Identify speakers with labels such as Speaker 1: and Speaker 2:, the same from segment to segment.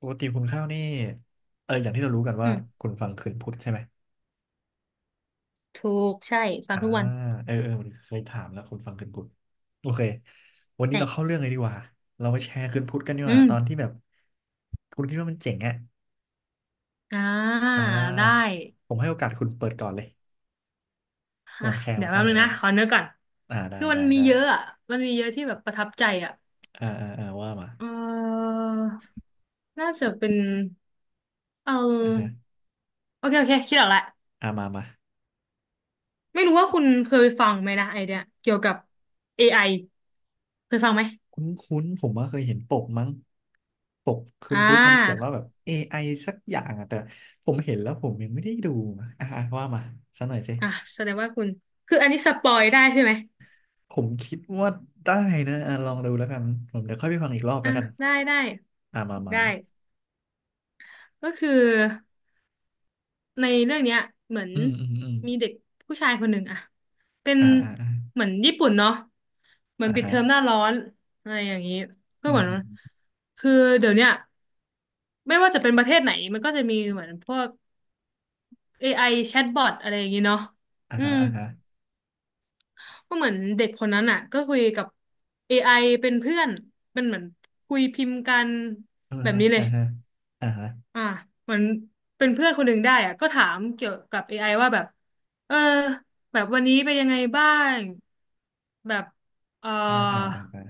Speaker 1: ปกติคุณข้าวนี่อย่างที่เรารู้กันว่า
Speaker 2: อืม
Speaker 1: คุณฟังคืนพุทธใช่ไหม
Speaker 2: ถูกใช่ฟัง
Speaker 1: อ่า
Speaker 2: ทุกวัน
Speaker 1: มันเคยถามแล้วคุณฟังคืนพุทธโอเควันนี้เราเข้า
Speaker 2: ใช่
Speaker 1: เรื่องเลยดีกว่าเรามาแชร์คืนพุทธกันดีก
Speaker 2: อื
Speaker 1: ว่า
Speaker 2: ม
Speaker 1: ตอนที่แบบคุณคิดว่ามันเจ๋งอ่ะ
Speaker 2: อ่า
Speaker 1: อ่
Speaker 2: ได้
Speaker 1: าผมให้โอกาสคุณเปิดก่อนเลย
Speaker 2: อ่ะ
Speaker 1: ลองแชร์
Speaker 2: เดี๋ย
Speaker 1: มา
Speaker 2: ว
Speaker 1: สั
Speaker 2: แป๊
Speaker 1: ก
Speaker 2: บ
Speaker 1: หน่อ
Speaker 2: นึ
Speaker 1: ย
Speaker 2: ง
Speaker 1: ว่า
Speaker 2: นะขอเนื้อก่อน
Speaker 1: ได้
Speaker 2: คือมัน
Speaker 1: ได้
Speaker 2: มี
Speaker 1: ได้
Speaker 2: เยอะอ่ะมันมีเยอะที่แบบประทับใจอ่ะ
Speaker 1: ว่ามา
Speaker 2: เออน่าจะเป็นเ
Speaker 1: อ่าฮะ
Speaker 2: ออโอเคโอเคคิดออกแล้ว
Speaker 1: อ่ามามา
Speaker 2: ไม่รู้ว่าคุณเคยฟังไหมนะไอเดียเกี่ยวกับ AI เคยฟังไหม
Speaker 1: คุ้นๆผมว่าเคยเห็นปกมั้งปกคื
Speaker 2: อ่
Speaker 1: นพุธมันเขียน
Speaker 2: า
Speaker 1: ว่าแบบ AI สักอย่างอะแต่ผมเห็นแล้วผมยังไม่ได้ดูอะอ่ะว่ามาสักหน่อยสิ
Speaker 2: อ่ะแสดงว่าคุณคืออันนี้สปอยได้ใช่ไหม
Speaker 1: ผมคิดว่าได้นะอ่ะลองดูแล้วกันผมเดี๋ยวค่อยไปฟังอีกรอบแล้
Speaker 2: อ่ะ
Speaker 1: วกัน
Speaker 2: ได้ได้
Speaker 1: อ่ะมามา
Speaker 2: ได้
Speaker 1: มา
Speaker 2: ก็คือ ในเรื่องเนี้ยเหมือน
Speaker 1: อืมอืมอืม
Speaker 2: มีเด็กผู้ชายคนหนึ่งอะเป็น
Speaker 1: อ่าอ่าอ่า
Speaker 2: เหมือนญี่ปุ่นเนาะเหมือน
Speaker 1: อ่า
Speaker 2: ปิด
Speaker 1: ฮะ
Speaker 2: เทอมหน้าร้อนอะไรอย่างนี้ก็
Speaker 1: อื
Speaker 2: เห
Speaker 1: ม
Speaker 2: มือน
Speaker 1: อืม
Speaker 2: คือเดี๋ยวเนี้ยไม่ว่าจะเป็นประเทศไหนมันก็จะมีเหมือนพวก AI แชทบอทอะไรอย่างนี้เนาะ
Speaker 1: อ่า
Speaker 2: อื
Speaker 1: ฮะ
Speaker 2: ม
Speaker 1: อ่าฮะ
Speaker 2: ก็เหมือนเด็กคนนั้นอ่ะก็คุยกับ AI เป็นเพื่อนเป็นเหมือนคุยพิมพ์กัน
Speaker 1: อ่า
Speaker 2: แบบ
Speaker 1: ฮะ
Speaker 2: นี้เล
Speaker 1: อ่า
Speaker 2: ย
Speaker 1: ฮะอ่าฮะ
Speaker 2: อ่ะเหมือนเป็นเพื่อนคนหนึ่งได้อ่ะก็ถามเกี่ยวกับ AI ว่าแบบเออแบบวันนี้เป็นยังไงบ้างแบบเอ
Speaker 1: อ่าอ่า
Speaker 2: อ
Speaker 1: อ่าอ่า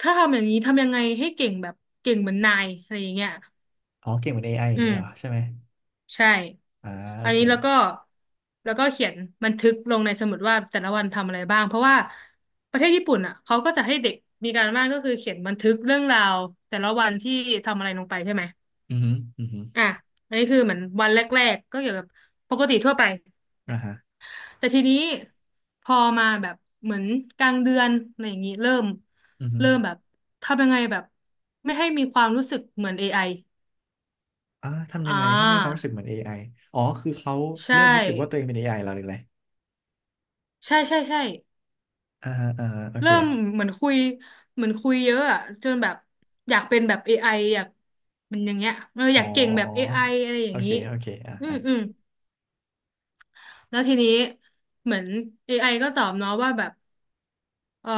Speaker 2: ถ้าทำอย่างนี้ทำยังไงให้เก่งแบบเก่งเหมือนนายอะไรอย่างเงี้ย
Speaker 1: อ๋อเก่งเป็นเอไออย่า
Speaker 2: อื
Speaker 1: งนี้
Speaker 2: ม
Speaker 1: เหรอใช่ไหม
Speaker 2: ใช่
Speaker 1: อ่าโอ
Speaker 2: อัน
Speaker 1: เค
Speaker 2: นี้แล้วก็แล้วก็เขียนบันทึกลงในสมุดว่าแต่ละวันทำอะไรบ้างเพราะว่าประเทศญี่ปุ่นอ่ะเขาก็จะให้เด็กมีการบ้านก็คือเขียนบันทึกเรื่องราวแต่ละวันที่ทำอะไรลงไปใช่ไหม
Speaker 1: อืมอืมออือฮือ
Speaker 2: อ่ะอันนี้คือเหมือนวันแรกๆก็เกี่ยวกับปกติทั่วไป
Speaker 1: ่าฮะ
Speaker 2: แต่ทีนี้พอมาแบบเหมือนกลางเดือนอะไรอย่างนี้เริ่ม
Speaker 1: อือฮึ
Speaker 2: เริ่มแบบทำยังไงแบบไม่ให้มีความรู้สึกเหมือนเอ i
Speaker 1: อ่าทำ
Speaker 2: ออ่
Speaker 1: ยังไงให้ไม่มีความ
Speaker 2: า
Speaker 1: รู้สึกเหมือนเอไออ๋อคือเขา
Speaker 2: ใช
Speaker 1: เริ่มรู้สึกว่าตัว
Speaker 2: ่
Speaker 1: เองเป็นเอไ i แล้วหรืออะไร
Speaker 2: ใช่ใช่ใช่
Speaker 1: อ่าฮะอ่าฮะโอเค
Speaker 2: เริ่มเหมือนคุยเหมือนคุยเยอะอะจนแบบอยากเป็นแบบเอ i ออยากมันอย่างเงี้ยเออ
Speaker 1: อ๋
Speaker 2: อ
Speaker 1: อ
Speaker 2: ยากเก่งแบบเอ i ออะไรอ
Speaker 1: โอ
Speaker 2: ย่าง
Speaker 1: เค
Speaker 2: นี้
Speaker 1: โอเค
Speaker 2: อืมอืมแล้วทีนี้เหมือน a อไอก็ตอบเนาะว่าแบบเออ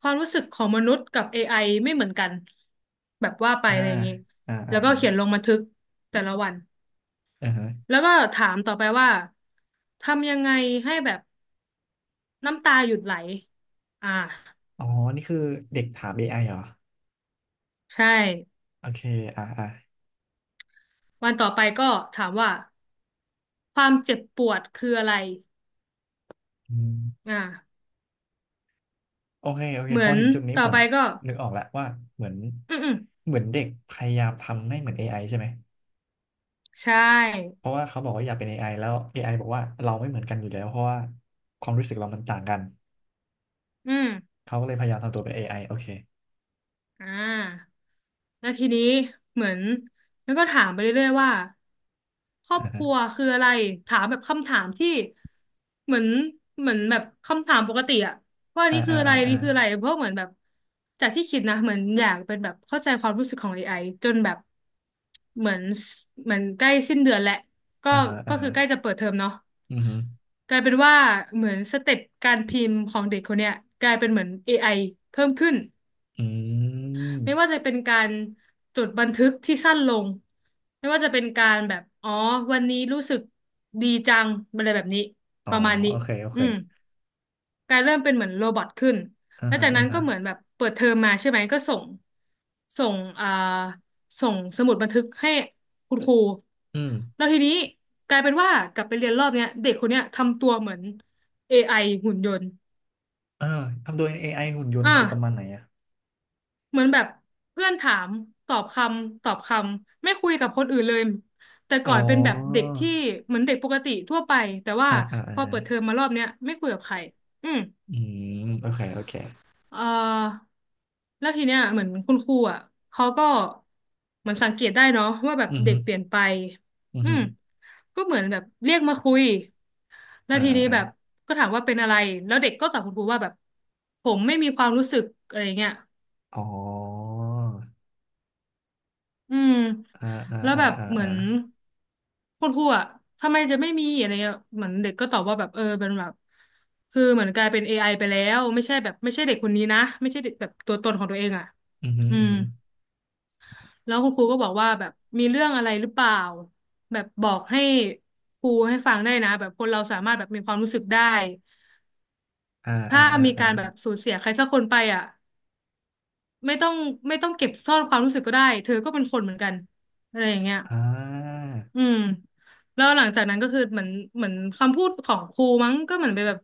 Speaker 2: ความรู้สึกของมนุษย์กับ AI ไอไม่เหมือนกันแบบว่าไป
Speaker 1: อ่า
Speaker 2: อะไรอย่างนี้
Speaker 1: อ่าอ่า
Speaker 2: แล้วก็
Speaker 1: อ่า
Speaker 2: เขียนลงบันทึกแต่ละวัน
Speaker 1: อ่าฮะ
Speaker 2: แล้วก็ถามต่อไปว่าทำยังไงให้แบบน้ำตาหยุดไหล อ่า
Speaker 1: อ๋อนี่คือเด็กถาม AI เหรอ
Speaker 2: ใช่
Speaker 1: โอเคอ่าอ่า
Speaker 2: วันต่อไปก็ถามว่าความเจ็บปวดคืออะไร
Speaker 1: อืม
Speaker 2: อ่า
Speaker 1: โอเคโอเค
Speaker 2: เหมื
Speaker 1: พ
Speaker 2: อ
Speaker 1: อ
Speaker 2: น
Speaker 1: ถึงจุดนี้
Speaker 2: ต่อ
Speaker 1: ผม
Speaker 2: ไปก็
Speaker 1: นึกออกแล้วว่าเหมือน
Speaker 2: อืมอืม
Speaker 1: เหมือนเด็กพยายามทำให้เหมือนเอไอใช่ไหม
Speaker 2: ใช่
Speaker 1: เพราะว่าเขาบอกว่าอยากเป็นเอไอแล้วเอไอบอกว่าเราไม่เหมือนกันอยู่แล้วเพราะว่าความรู้สึกเรามันต่างกัน
Speaker 2: อืม
Speaker 1: เขาก็เลยพยายามทำตัวเป็นเอไอโอเค
Speaker 2: อ่าแล้วทีนี้เหมือนแล้วก็ถามไปเรื่อยๆว่าครอบครัวคืออะไรถามแบบคำถามที่เหมือนเหมือนแบบคำถามปกติอะว่า
Speaker 1: อ่า
Speaker 2: นี่คือ
Speaker 1: อ่า
Speaker 2: อะไร
Speaker 1: อ่าอ่า
Speaker 2: นี่คืออะไรเพราะเหมือนแบบจากที่คิดนะเหมือนอยากเป็นแบบเข้าใจความรู้สึกของเอไ i จนแบบเหมือนเหมือนใกล้สิ้นเดือนแหละก็
Speaker 1: ฮะ
Speaker 2: ก็
Speaker 1: อ่า
Speaker 2: คื
Speaker 1: ฮะ
Speaker 2: อใกล้จะเปิดเทอมเนาะ
Speaker 1: อือฮึ
Speaker 2: กลายเป็นว่าเหมือนสเต็ปการพิมพ์ของเด็กคนเนี้ยกลายเป็นเหมือน AI เพิ่มขึ้น
Speaker 1: อื
Speaker 2: ไม่ว่า
Speaker 1: ม
Speaker 2: จะเป็นการจดบันทึกที่สั้นลงไม่ว่าจะเป็นการแบบอ๋อวันนี้รู้สึกดีจังอะไรแบบนี้
Speaker 1: อ๋อ
Speaker 2: ประมาณนี้
Speaker 1: โอเคโอ
Speaker 2: อื
Speaker 1: เค
Speaker 2: มกลายเริ่มเป็นเหมือนโรบอทขึ้น
Speaker 1: อ่า
Speaker 2: แล้ว
Speaker 1: ฮะ
Speaker 2: จาก
Speaker 1: อ่า
Speaker 2: นั้น
Speaker 1: ฮะ
Speaker 2: ก็เหมือนแบบเปิดเทอมมาใช่ไหมก็ส่งอ่าส่งสมุดบันทึกให้คุณครู
Speaker 1: อืม
Speaker 2: แล้วทีนี้กลายเป็นว่ากลับไปเรียนรอบเนี้ยเด็กคนเนี้ยทำตัวเหมือน AI หุ่นยนต์
Speaker 1: อ่าทำโดย a อไอหุ่นยนต์
Speaker 2: อ่า
Speaker 1: คือประมาณไหนอ่ะ
Speaker 2: เหมือนแบบเพื่อนถามตอบคำตอบคำไม่คุยกับคนอื่นเลยแต่
Speaker 1: อ๋
Speaker 2: ก่อนเป็นแบบเด็
Speaker 1: อ
Speaker 2: กที่เหมือนเด็กปกติทั่วไปแต่ว่าพอ
Speaker 1: อา
Speaker 2: เปิดเทอมมารอบเนี้ยไม่คุยกับใครอืม
Speaker 1: อืมโอเคโอเค
Speaker 2: เอ่อแล้วทีเนี้ยเหมือนคุณครูอ่ะเขาก็เหมือนสังเกตได้เนาะว่าแบบ
Speaker 1: อือ
Speaker 2: เด็
Speaker 1: ฮึ
Speaker 2: กเปลี่ยนไป
Speaker 1: อือ
Speaker 2: อื
Speaker 1: ฮึ
Speaker 2: มก็เหมือนแบบเรียกมาคุยแล้
Speaker 1: อ
Speaker 2: ว
Speaker 1: อ่า
Speaker 2: ทีนี้
Speaker 1: อ่า
Speaker 2: แบบก็ถามว่าเป็นอะไรแล้วเด็กก็ตอบคุณครูว่าแบบผมไม่มีความรู้สึกอะไรเงี้ย
Speaker 1: อ๋อ
Speaker 2: อืม
Speaker 1: อ่าอ่า
Speaker 2: แล้ว
Speaker 1: อ่า
Speaker 2: แบบ
Speaker 1: อ่า
Speaker 2: เหมื
Speaker 1: อ่า
Speaker 2: อนคุณครูอ่ะทำไมจะไม่มีอะไรเงี้ยเหมือนเด็กก็ตอบว่าแบบเออเป็นแบบคือเหมือนกลายเป็น AI ไอไปแล้วไม่ใช่แบบไม่ใช่เด็กคนนี้นะไม่ใช่เด็กแบบตัวตนของตัวเองอ่ะ
Speaker 1: อือฮึ
Speaker 2: อื
Speaker 1: อือ
Speaker 2: ม
Speaker 1: ฮึ
Speaker 2: แล้วคุณครูก็บอกว่าแบบมีเรื่องอะไรหรือเปล่าแบบบอกให้ครูให้ฟังได้นะแบบคนเราสามารถแบบมีความรู้สึกได้
Speaker 1: อ่า
Speaker 2: ถ้ามีการแบบสูญเสียใครสักคนไปอ่ะไม่ต้องไม่ต้องเก็บซ่อนความรู้สึกก็ได้เธอก็เป็นคนเหมือนกันอะไรอย่างเงี้ย
Speaker 1: อ่า
Speaker 2: อืมแล้วหลังจากนั้นก็คือเหมือนเหมือนคำพูดของครูมั้งก็เหมือนไปแบบ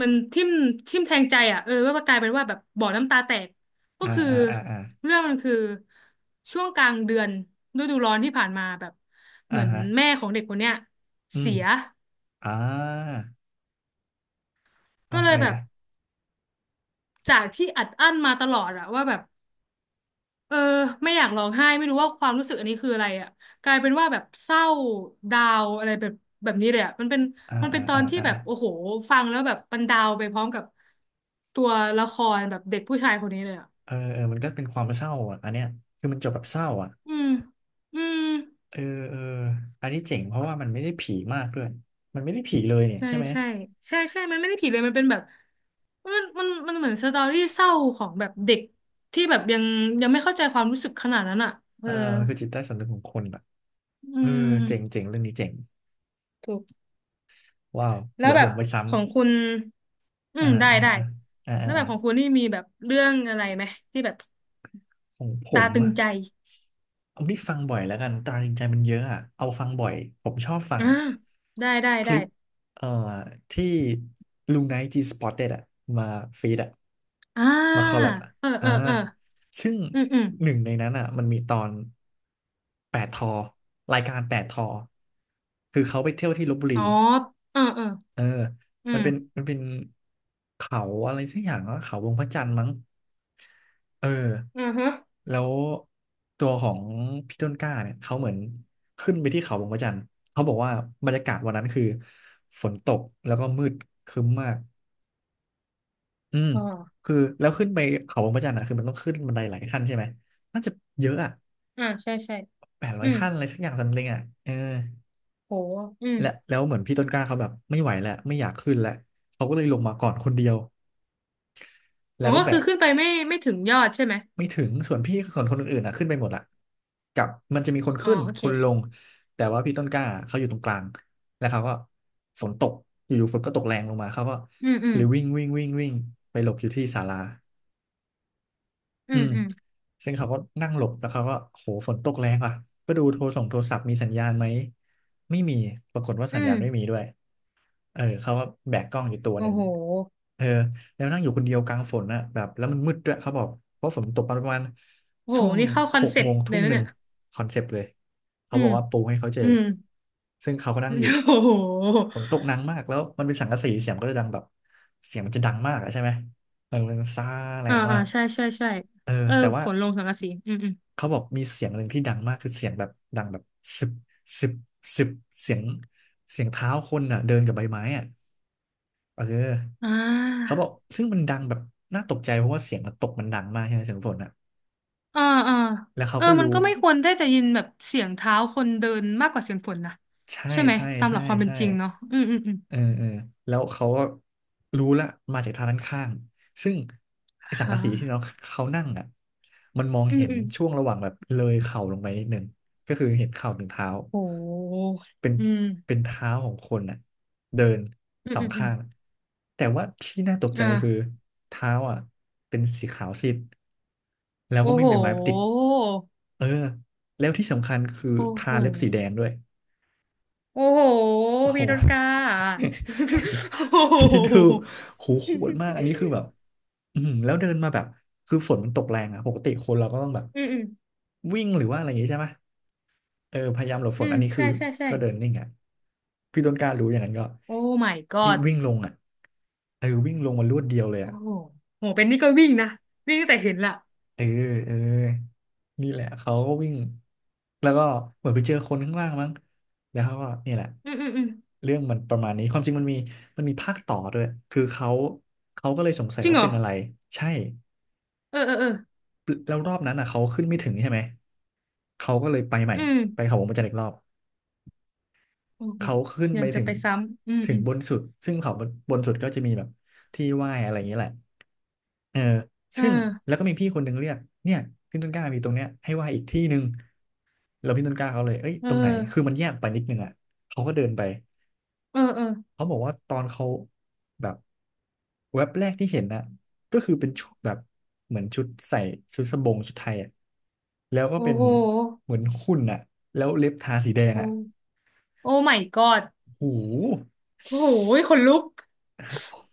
Speaker 2: มันทิ่มแทงใจอ่ะเออก็กลายเป็นว่าแบบบ่อน้ำตาแตกก็
Speaker 1: อ่า
Speaker 2: คือ
Speaker 1: อ่าอ่าอ่า
Speaker 2: เรื่องมันคือช่วงกลางเดือนฤดูร้อนที่ผ่านมาแบบเห
Speaker 1: อ่า
Speaker 2: มือน
Speaker 1: ฮะ
Speaker 2: แม่ของเด็กคนเนี้ย
Speaker 1: อืม
Speaker 2: เสีย
Speaker 1: อ่าโอ
Speaker 2: ก็เล
Speaker 1: เค
Speaker 2: ยแบบจากที่อัดอั้นมาตลอดอะว่าแบบ เออไม่อยากร้องไห้ไม่รู้ว่าความรู้สึกอันนี้คืออะไรอ่ะกลายเป็นว่าแบบเศร้าดาวอะไรแบบแบบนี้เลยอ่ะมันเป็น
Speaker 1: อ่า
Speaker 2: มันเป็
Speaker 1: อ่า
Speaker 2: นตอ
Speaker 1: อ่า
Speaker 2: นที่
Speaker 1: อ่า
Speaker 2: แบบโอ้โหฟังแล้วแบบมันดาวไปพร้อมกับตัวละครแบบเด็กผู้ชายคนนี้เลยอ่ะ
Speaker 1: เออเออมันก็เป็นความเศร้าอ่ะอันเนี้ยคือมันจบแบบเศร้าอ่ะ
Speaker 2: อืมอืม
Speaker 1: เออเอออันนี้เจ๋งเพราะว่ามันไม่ได้ผีมากด้วยมันไม่ได้ผีเลยเนี่ย
Speaker 2: ใช่
Speaker 1: ใช่ไหม
Speaker 2: ใช่ใช่ใช่มันไม่ได้ผิดเลยมันเป็นแบบมันเหมือนสตอรี่เศร้าของแบบเด็กที่แบบยังไม่เข้าใจความรู้สึกขนาดนั้นอ่ะเอ
Speaker 1: เอ
Speaker 2: อ
Speaker 1: อมันคือจิตใต้สำนึกของคนอ่ะ
Speaker 2: อื
Speaker 1: เออเจ๋งเจ๋
Speaker 2: ม
Speaker 1: งเรื่องนี้เจ๋งว้าว
Speaker 2: แล้ว
Speaker 1: เดี๋ยว
Speaker 2: แบ
Speaker 1: ผ
Speaker 2: บ
Speaker 1: มไปซ้ำ
Speaker 2: ของคุณอื
Speaker 1: อ่า
Speaker 2: มได้ได้
Speaker 1: อ่าอ่าอ่า
Speaker 2: แล้วแบ
Speaker 1: อ่า
Speaker 2: บของคุณนี่มีแบบเรื่องอะไรไหมที่แบบ
Speaker 1: ของผ
Speaker 2: ตา
Speaker 1: ม
Speaker 2: ตึง
Speaker 1: อะ
Speaker 2: ใจ
Speaker 1: เอาที่ฟังบ่อยแล้วกันตราตรึงใจมันเยอะอะ เอาฟังบ่อย ผมชอบฟัง
Speaker 2: อ่าได้ได้
Speaker 1: ค
Speaker 2: ได้
Speaker 1: ลิปเอ่อที่ลุงไนท์จีสปอตเต็ดอะมาฟีดอะ
Speaker 2: อ่า
Speaker 1: มาคอลแลบอะ
Speaker 2: เออเอ
Speaker 1: อ่า
Speaker 2: อเออ
Speaker 1: ซึ่ง
Speaker 2: อืมอืม
Speaker 1: หนึ่งในนั้นอะมันมีตอนแปดทอ รายการแปดทอ คือเขาไปเที่ยวที่ลพบุ
Speaker 2: อ๋
Speaker 1: รี
Speaker 2: อเออเออ
Speaker 1: เออ
Speaker 2: อื
Speaker 1: มันเป็น
Speaker 2: ม
Speaker 1: มันเป็นเขาอะไรสักอย่างวะเขาวงพระจันทร์มั้ง เออ
Speaker 2: อือฮะ
Speaker 1: แล้วตัวของพี่ต้นกล้าเนี่ยเขาเหมือนขึ้นไปที่เขาบงพระจันทร์เขาบอกว่าบรรยากาศวันนั้นคือฝนตกแล้วก็มืดครึ้มมากอืม
Speaker 2: อ๋อ
Speaker 1: คือแล้วขึ้นไปเขาบงพระจันทร์อ่ะคือมันต้องขึ้นบันไดหลายขั้นใช่ไหมน่าจะเยอะอ่ะ
Speaker 2: อ่าใช่ใช่
Speaker 1: แปดร้อ
Speaker 2: อื
Speaker 1: ย
Speaker 2: ม
Speaker 1: ขั้นอะไรสักอย่างซัมติงอ่ะเออ
Speaker 2: โหอืม
Speaker 1: และแล้วเหมือนพี่ต้นกล้าเขาแบบไม่ไหวแล้วไม่อยากขึ้นแล้วเขาก็เลยลงมาก่อนคนเดียว
Speaker 2: อ๋
Speaker 1: แล้
Speaker 2: อ
Speaker 1: วก็แบ
Speaker 2: ก็คือ
Speaker 1: ก
Speaker 2: ขึ้นไปไม่ถึงยอดใช่ไหม
Speaker 1: ไม่ถึงส่วนพี่ส่วนคนอื่นๆอ่ะขึ้นไปหมดละกับมันจะมีคน
Speaker 2: อ๋อ
Speaker 1: ขึ้น
Speaker 2: โอ
Speaker 1: ค
Speaker 2: เค
Speaker 1: นลงแต่ว่าพี่ต้นกล้าเขาอยู่ตรงกลางแล้วเขาก็ฝนตกอยู่ๆฝนก็ตกแรงลงมาเขาก็
Speaker 2: อืมอื
Speaker 1: ห
Speaker 2: ม
Speaker 1: รือวิ่งวิ่งวิ่งวิ่งไปหลบอยู่ที่ศาลา
Speaker 2: อื
Speaker 1: อื
Speaker 2: ม
Speaker 1: ม
Speaker 2: อืม
Speaker 1: ซึ่งเขาก็นั่งหลบแล้วเขาก็โหฝนตกแรงว่ะก็ดูโทรส่งโทรศัพท์มีสัญญาณไหมไม่มีปรากฏว่า
Speaker 2: อื
Speaker 1: สัญญาณไม่มี
Speaker 2: ม
Speaker 1: ด้วย เออเขาว่าแบกกล้องอยู่ตัวห
Speaker 2: โอ้
Speaker 1: นึ่ง
Speaker 2: โห
Speaker 1: เออแล้วนั่งอยู่คนเดียวกลางฝนอ่ะแบบแล้วมันมืดด้วยเขาบอกเพราะฝนตกประมาณ
Speaker 2: โอ้
Speaker 1: ช่ว
Speaker 2: โห
Speaker 1: ง
Speaker 2: นี่เข้าคอ
Speaker 1: ห
Speaker 2: น
Speaker 1: ก
Speaker 2: เซ็ป
Speaker 1: โม
Speaker 2: ต์
Speaker 1: ง
Speaker 2: เล
Speaker 1: ทุ่
Speaker 2: ย
Speaker 1: ม
Speaker 2: นะ
Speaker 1: หนึ่
Speaker 2: เนี่
Speaker 1: ง
Speaker 2: ย
Speaker 1: คอนเซปต์เลยเขา
Speaker 2: อื
Speaker 1: บอ
Speaker 2: ม
Speaker 1: กว่าปูให้เขาเจอ
Speaker 2: อืม
Speaker 1: ซึ่งเขาก็นั่งอยู่
Speaker 2: โอ้โห
Speaker 1: ฝนตกหนักมากแล้วมันเป็นสังกะสีเสียงมันก็จะดังแบบเสียงมันจะดังมากอะใช่ไหมเออมันซ่าแร
Speaker 2: อ่า
Speaker 1: งมา
Speaker 2: อ่า
Speaker 1: ก
Speaker 2: ใช่ใช่ใช่
Speaker 1: เออ
Speaker 2: เออ
Speaker 1: แต่ว่า
Speaker 2: ฝนลงสังกะสีอืมอืม
Speaker 1: เขาบอกมีเสียงหนึ่งที่ดังมากคือเสียงแบบดังแบบสิบสิบสิบเสียงเสียงเท้าคนอ่ะเดินกับใบไม้อ่ะ เออ
Speaker 2: อ่า
Speaker 1: เขาบอกซึ่งมันดังแบบน่าตกใจเพราะว่าเสียงมันตกมันดังมากใช่ไหมเสียงฝนอ่ะ
Speaker 2: อ่าอ่า
Speaker 1: แล้วเขา
Speaker 2: เออ
Speaker 1: ก็
Speaker 2: มั
Speaker 1: รู้
Speaker 2: นก็ไม่ควรได้แต่ยินแบบเสียงเท้าคนเดินมากกว่าเสียงฝนนะ
Speaker 1: ใช่
Speaker 2: ใช่ไหม
Speaker 1: ใช่
Speaker 2: ตามห
Speaker 1: ใช่
Speaker 2: ลักความเป็น
Speaker 1: ใช่
Speaker 2: จริงเนาะอืมอืมอืม
Speaker 1: เออเออแล้วเขาก็รู้ละมาจากทางด้านข้างซึ่ง
Speaker 2: ค
Speaker 1: ไอ้สัง
Speaker 2: ่
Speaker 1: กะสีที่เรา
Speaker 2: ะ
Speaker 1: เขานั่งอ่ะมันมอง
Speaker 2: อื
Speaker 1: เห็
Speaker 2: ม
Speaker 1: น
Speaker 2: อืม
Speaker 1: ช่วงระหว่างแบบเลยเข่าลงไปนิดนึงก็คือเห็นเข่าถึงเท้า
Speaker 2: โห
Speaker 1: เป็น
Speaker 2: อืม
Speaker 1: เป็นเท้าของคนอ่ะเดิน
Speaker 2: อืม
Speaker 1: สอ
Speaker 2: อื
Speaker 1: ง
Speaker 2: มอืม
Speaker 1: ข้างแต่ว่าที่น่าตกใจคือ
Speaker 2: อ่า
Speaker 1: เท้าอ่ะเป็นสีขาวซีดแล้วก็
Speaker 2: โอ้
Speaker 1: ไม่
Speaker 2: โห
Speaker 1: มีไม้ติดเออแล้วที่สำคัญคือ
Speaker 2: โอ้
Speaker 1: ทา
Speaker 2: โห
Speaker 1: เล็บสีแดงด้วย
Speaker 2: โอ้โห
Speaker 1: โอ้โห
Speaker 2: พี่รถกา โอ้ โ
Speaker 1: คิดดู
Speaker 2: ห
Speaker 1: โหโหดมากอันนี้คือแบบอืมแล้วเดินมาแบบคือฝนมันตกแรงอะปกติคนเราก็ต้องแบบ
Speaker 2: อืมอืม
Speaker 1: วิ่งหรือว่าอะไรอย่างงี้ใช่ไหมเออพยายามหลบฝ
Speaker 2: อื
Speaker 1: น
Speaker 2: ม
Speaker 1: อันนี้คือ
Speaker 2: ใช่ใช่ใช่
Speaker 1: ก็เดินนิ่งอะพี่ต้นกล้ารู้อย่างนั้นก็
Speaker 2: โอ้ my
Speaker 1: รีบ
Speaker 2: god
Speaker 1: วิ่งลงอะเออวิ่งลงมารวดเดียวเลย
Speaker 2: โอ้
Speaker 1: อะ
Speaker 2: โหโหเป็นนี่ก็วิ่งนะวิ่งตั้งแต่เห็นละ
Speaker 1: เออเออนี่แหละเขาก็วิ่งแล้วก็เหมือนไปเจอคนข้างล่างมั้งแล้วเขาก็นี่แหละ
Speaker 2: อืมอืมอืม
Speaker 1: เรื่องมันประมาณนี้ความจริงมันมีมีภาคต่อด้วยคือเขาก็เลยสงสัย
Speaker 2: จริง
Speaker 1: ว่า
Speaker 2: เหรอ
Speaker 1: เป็นอะไรใช่
Speaker 2: เออเออเออ
Speaker 1: แล้วรอบนั้นอ่ะเขาขึ้นไม่ถึงใช่ไหมเขาก็เลยไปใหม่
Speaker 2: อื
Speaker 1: ไป
Speaker 2: ม
Speaker 1: เขาวงพระจันทร์อีกรอบ
Speaker 2: โอ้โห
Speaker 1: เขาขึ้น
Speaker 2: ยั
Speaker 1: ไป
Speaker 2: งจะ
Speaker 1: ถึง
Speaker 2: ไปซ้ำอืมอืม
Speaker 1: บนสุดซึ่งเขาบนสุดก็จะมีแบบที่ไหว้อะไรอย่างนี้แหละเออ
Speaker 2: เอ
Speaker 1: ซึ่ง
Speaker 2: อ
Speaker 1: แล้วก็มีพี่คนหนึ่งเรียกเนี่ยพี่ต้นกล้ามีตรงเนี้ยให้ไหว้อีกที่หนึ่ง แล้วพี่ต้นกล้าเขาเลยเอ้ย
Speaker 2: เอ
Speaker 1: ตรงไหน
Speaker 2: อ
Speaker 1: คือมันแยกไปนิดนึงอ่ะเขาก็เดินไป
Speaker 2: เออเออ
Speaker 1: เขาบอกว่าตอนเขาแบบแว็บแรกที่เห็นน่ะก็คือเป็นชุดแบบเหมือนชุดใส่ชุดสบงชุดไทยอ่ะแล้วก็
Speaker 2: โอ้
Speaker 1: เป็น
Speaker 2: โห
Speaker 1: เหมือนหุ่นอ่ะแล้วเล็บทาสีแดง
Speaker 2: โอ้
Speaker 1: อ่ะ
Speaker 2: โอ้ my god
Speaker 1: โอห
Speaker 2: โอ้โหขนลุก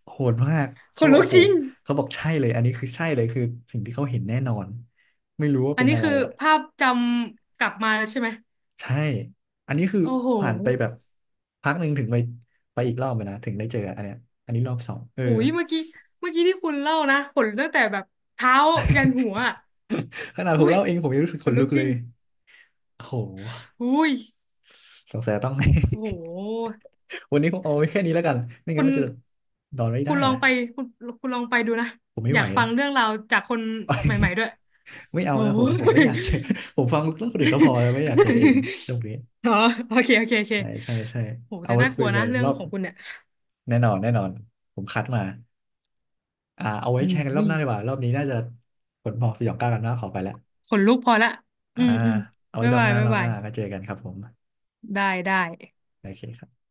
Speaker 1: โหดมาก
Speaker 2: ข
Speaker 1: เขา
Speaker 2: น
Speaker 1: บอก
Speaker 2: ลุก
Speaker 1: โอ้โห
Speaker 2: จริง
Speaker 1: เขาบอกใช่เลยอันนี้คือใช่เลยคือสิ่งที่เขาเห็นแน่นอน ไม่รู้ว่า
Speaker 2: อัน
Speaker 1: เป็น
Speaker 2: นี้
Speaker 1: อะไร
Speaker 2: คือ
Speaker 1: อ่ะ
Speaker 2: ภาพจำกลับมาแล้วใช่ไหม
Speaker 1: ใช่ อันนี้คือ
Speaker 2: โอ้โห
Speaker 1: ผ่านไปแบบพักหนึ่งถึงไปอีกรอบอะนะถึงได้เจออันเนี้ยอันนี้รอบสองเออ
Speaker 2: หุยเมื่อกี้เมื่อกี้ที่คุณเล่านะขนตั้งแต่แบบเท้ายันหัวอ่ะ
Speaker 1: ขนาดผ
Speaker 2: หุ
Speaker 1: ม
Speaker 2: ย
Speaker 1: เล่าเองผมยังรู้สึก
Speaker 2: ข
Speaker 1: ข
Speaker 2: น
Speaker 1: น
Speaker 2: ลุ
Speaker 1: ลุ
Speaker 2: ก
Speaker 1: ก
Speaker 2: จ
Speaker 1: เล
Speaker 2: ริง
Speaker 1: ยโอ้โห
Speaker 2: หุย
Speaker 1: สงสัยต้อง
Speaker 2: โอ้โห
Speaker 1: วันนี้คงเอาไว้แค่นี้แล้วกันไม่
Speaker 2: คุ
Speaker 1: งั้น
Speaker 2: ณ
Speaker 1: มันจะนอนไม่
Speaker 2: คุ
Speaker 1: ได้
Speaker 2: ณลอง
Speaker 1: นะ
Speaker 2: ไปคุณคุณลองไปดูนะ
Speaker 1: ผมไม่
Speaker 2: อ
Speaker 1: ไห
Speaker 2: ยา
Speaker 1: ว
Speaker 2: กฟั
Speaker 1: นะ
Speaker 2: งเรื่องราวจากคนใหม่ๆด้วย
Speaker 1: ไม่เอา
Speaker 2: โอ้
Speaker 1: นะผมไม่
Speaker 2: ย
Speaker 1: อยากเจอ ผมฟังเรื่องคนอื่นก็พอ แล้วไม่อยากเจอเองนะตรงนี้
Speaker 2: อ๋อโอเค โอเค โอเค
Speaker 1: ใช่ใช่ใช่
Speaker 2: โห
Speaker 1: เอา
Speaker 2: แต่
Speaker 1: ไว้
Speaker 2: น่าก
Speaker 1: คุ
Speaker 2: ลั
Speaker 1: ย
Speaker 2: ว
Speaker 1: กั
Speaker 2: นะ
Speaker 1: น
Speaker 2: เรื่อ
Speaker 1: ร
Speaker 2: ง
Speaker 1: อบ
Speaker 2: ของคุณเนี่ย
Speaker 1: แน่นอนแน่นอนผมคัดมาอ่าเอาไว้แชร์กันรอ
Speaker 2: อุ้
Speaker 1: บ
Speaker 2: ย
Speaker 1: หน้าดีกว่ารอบนี้น่าจะผลบอกสยองกล้ากันมากขอไปแล้ว
Speaker 2: ขนลุกพอละอื
Speaker 1: อ่า
Speaker 2: ม อืม
Speaker 1: เอาไว้
Speaker 2: บ๊ายบายบ๊า
Speaker 1: ร
Speaker 2: ย
Speaker 1: อบห
Speaker 2: บาย
Speaker 1: น้าก็เจอกันครับผม
Speaker 2: ได้ได้
Speaker 1: โอเคครับ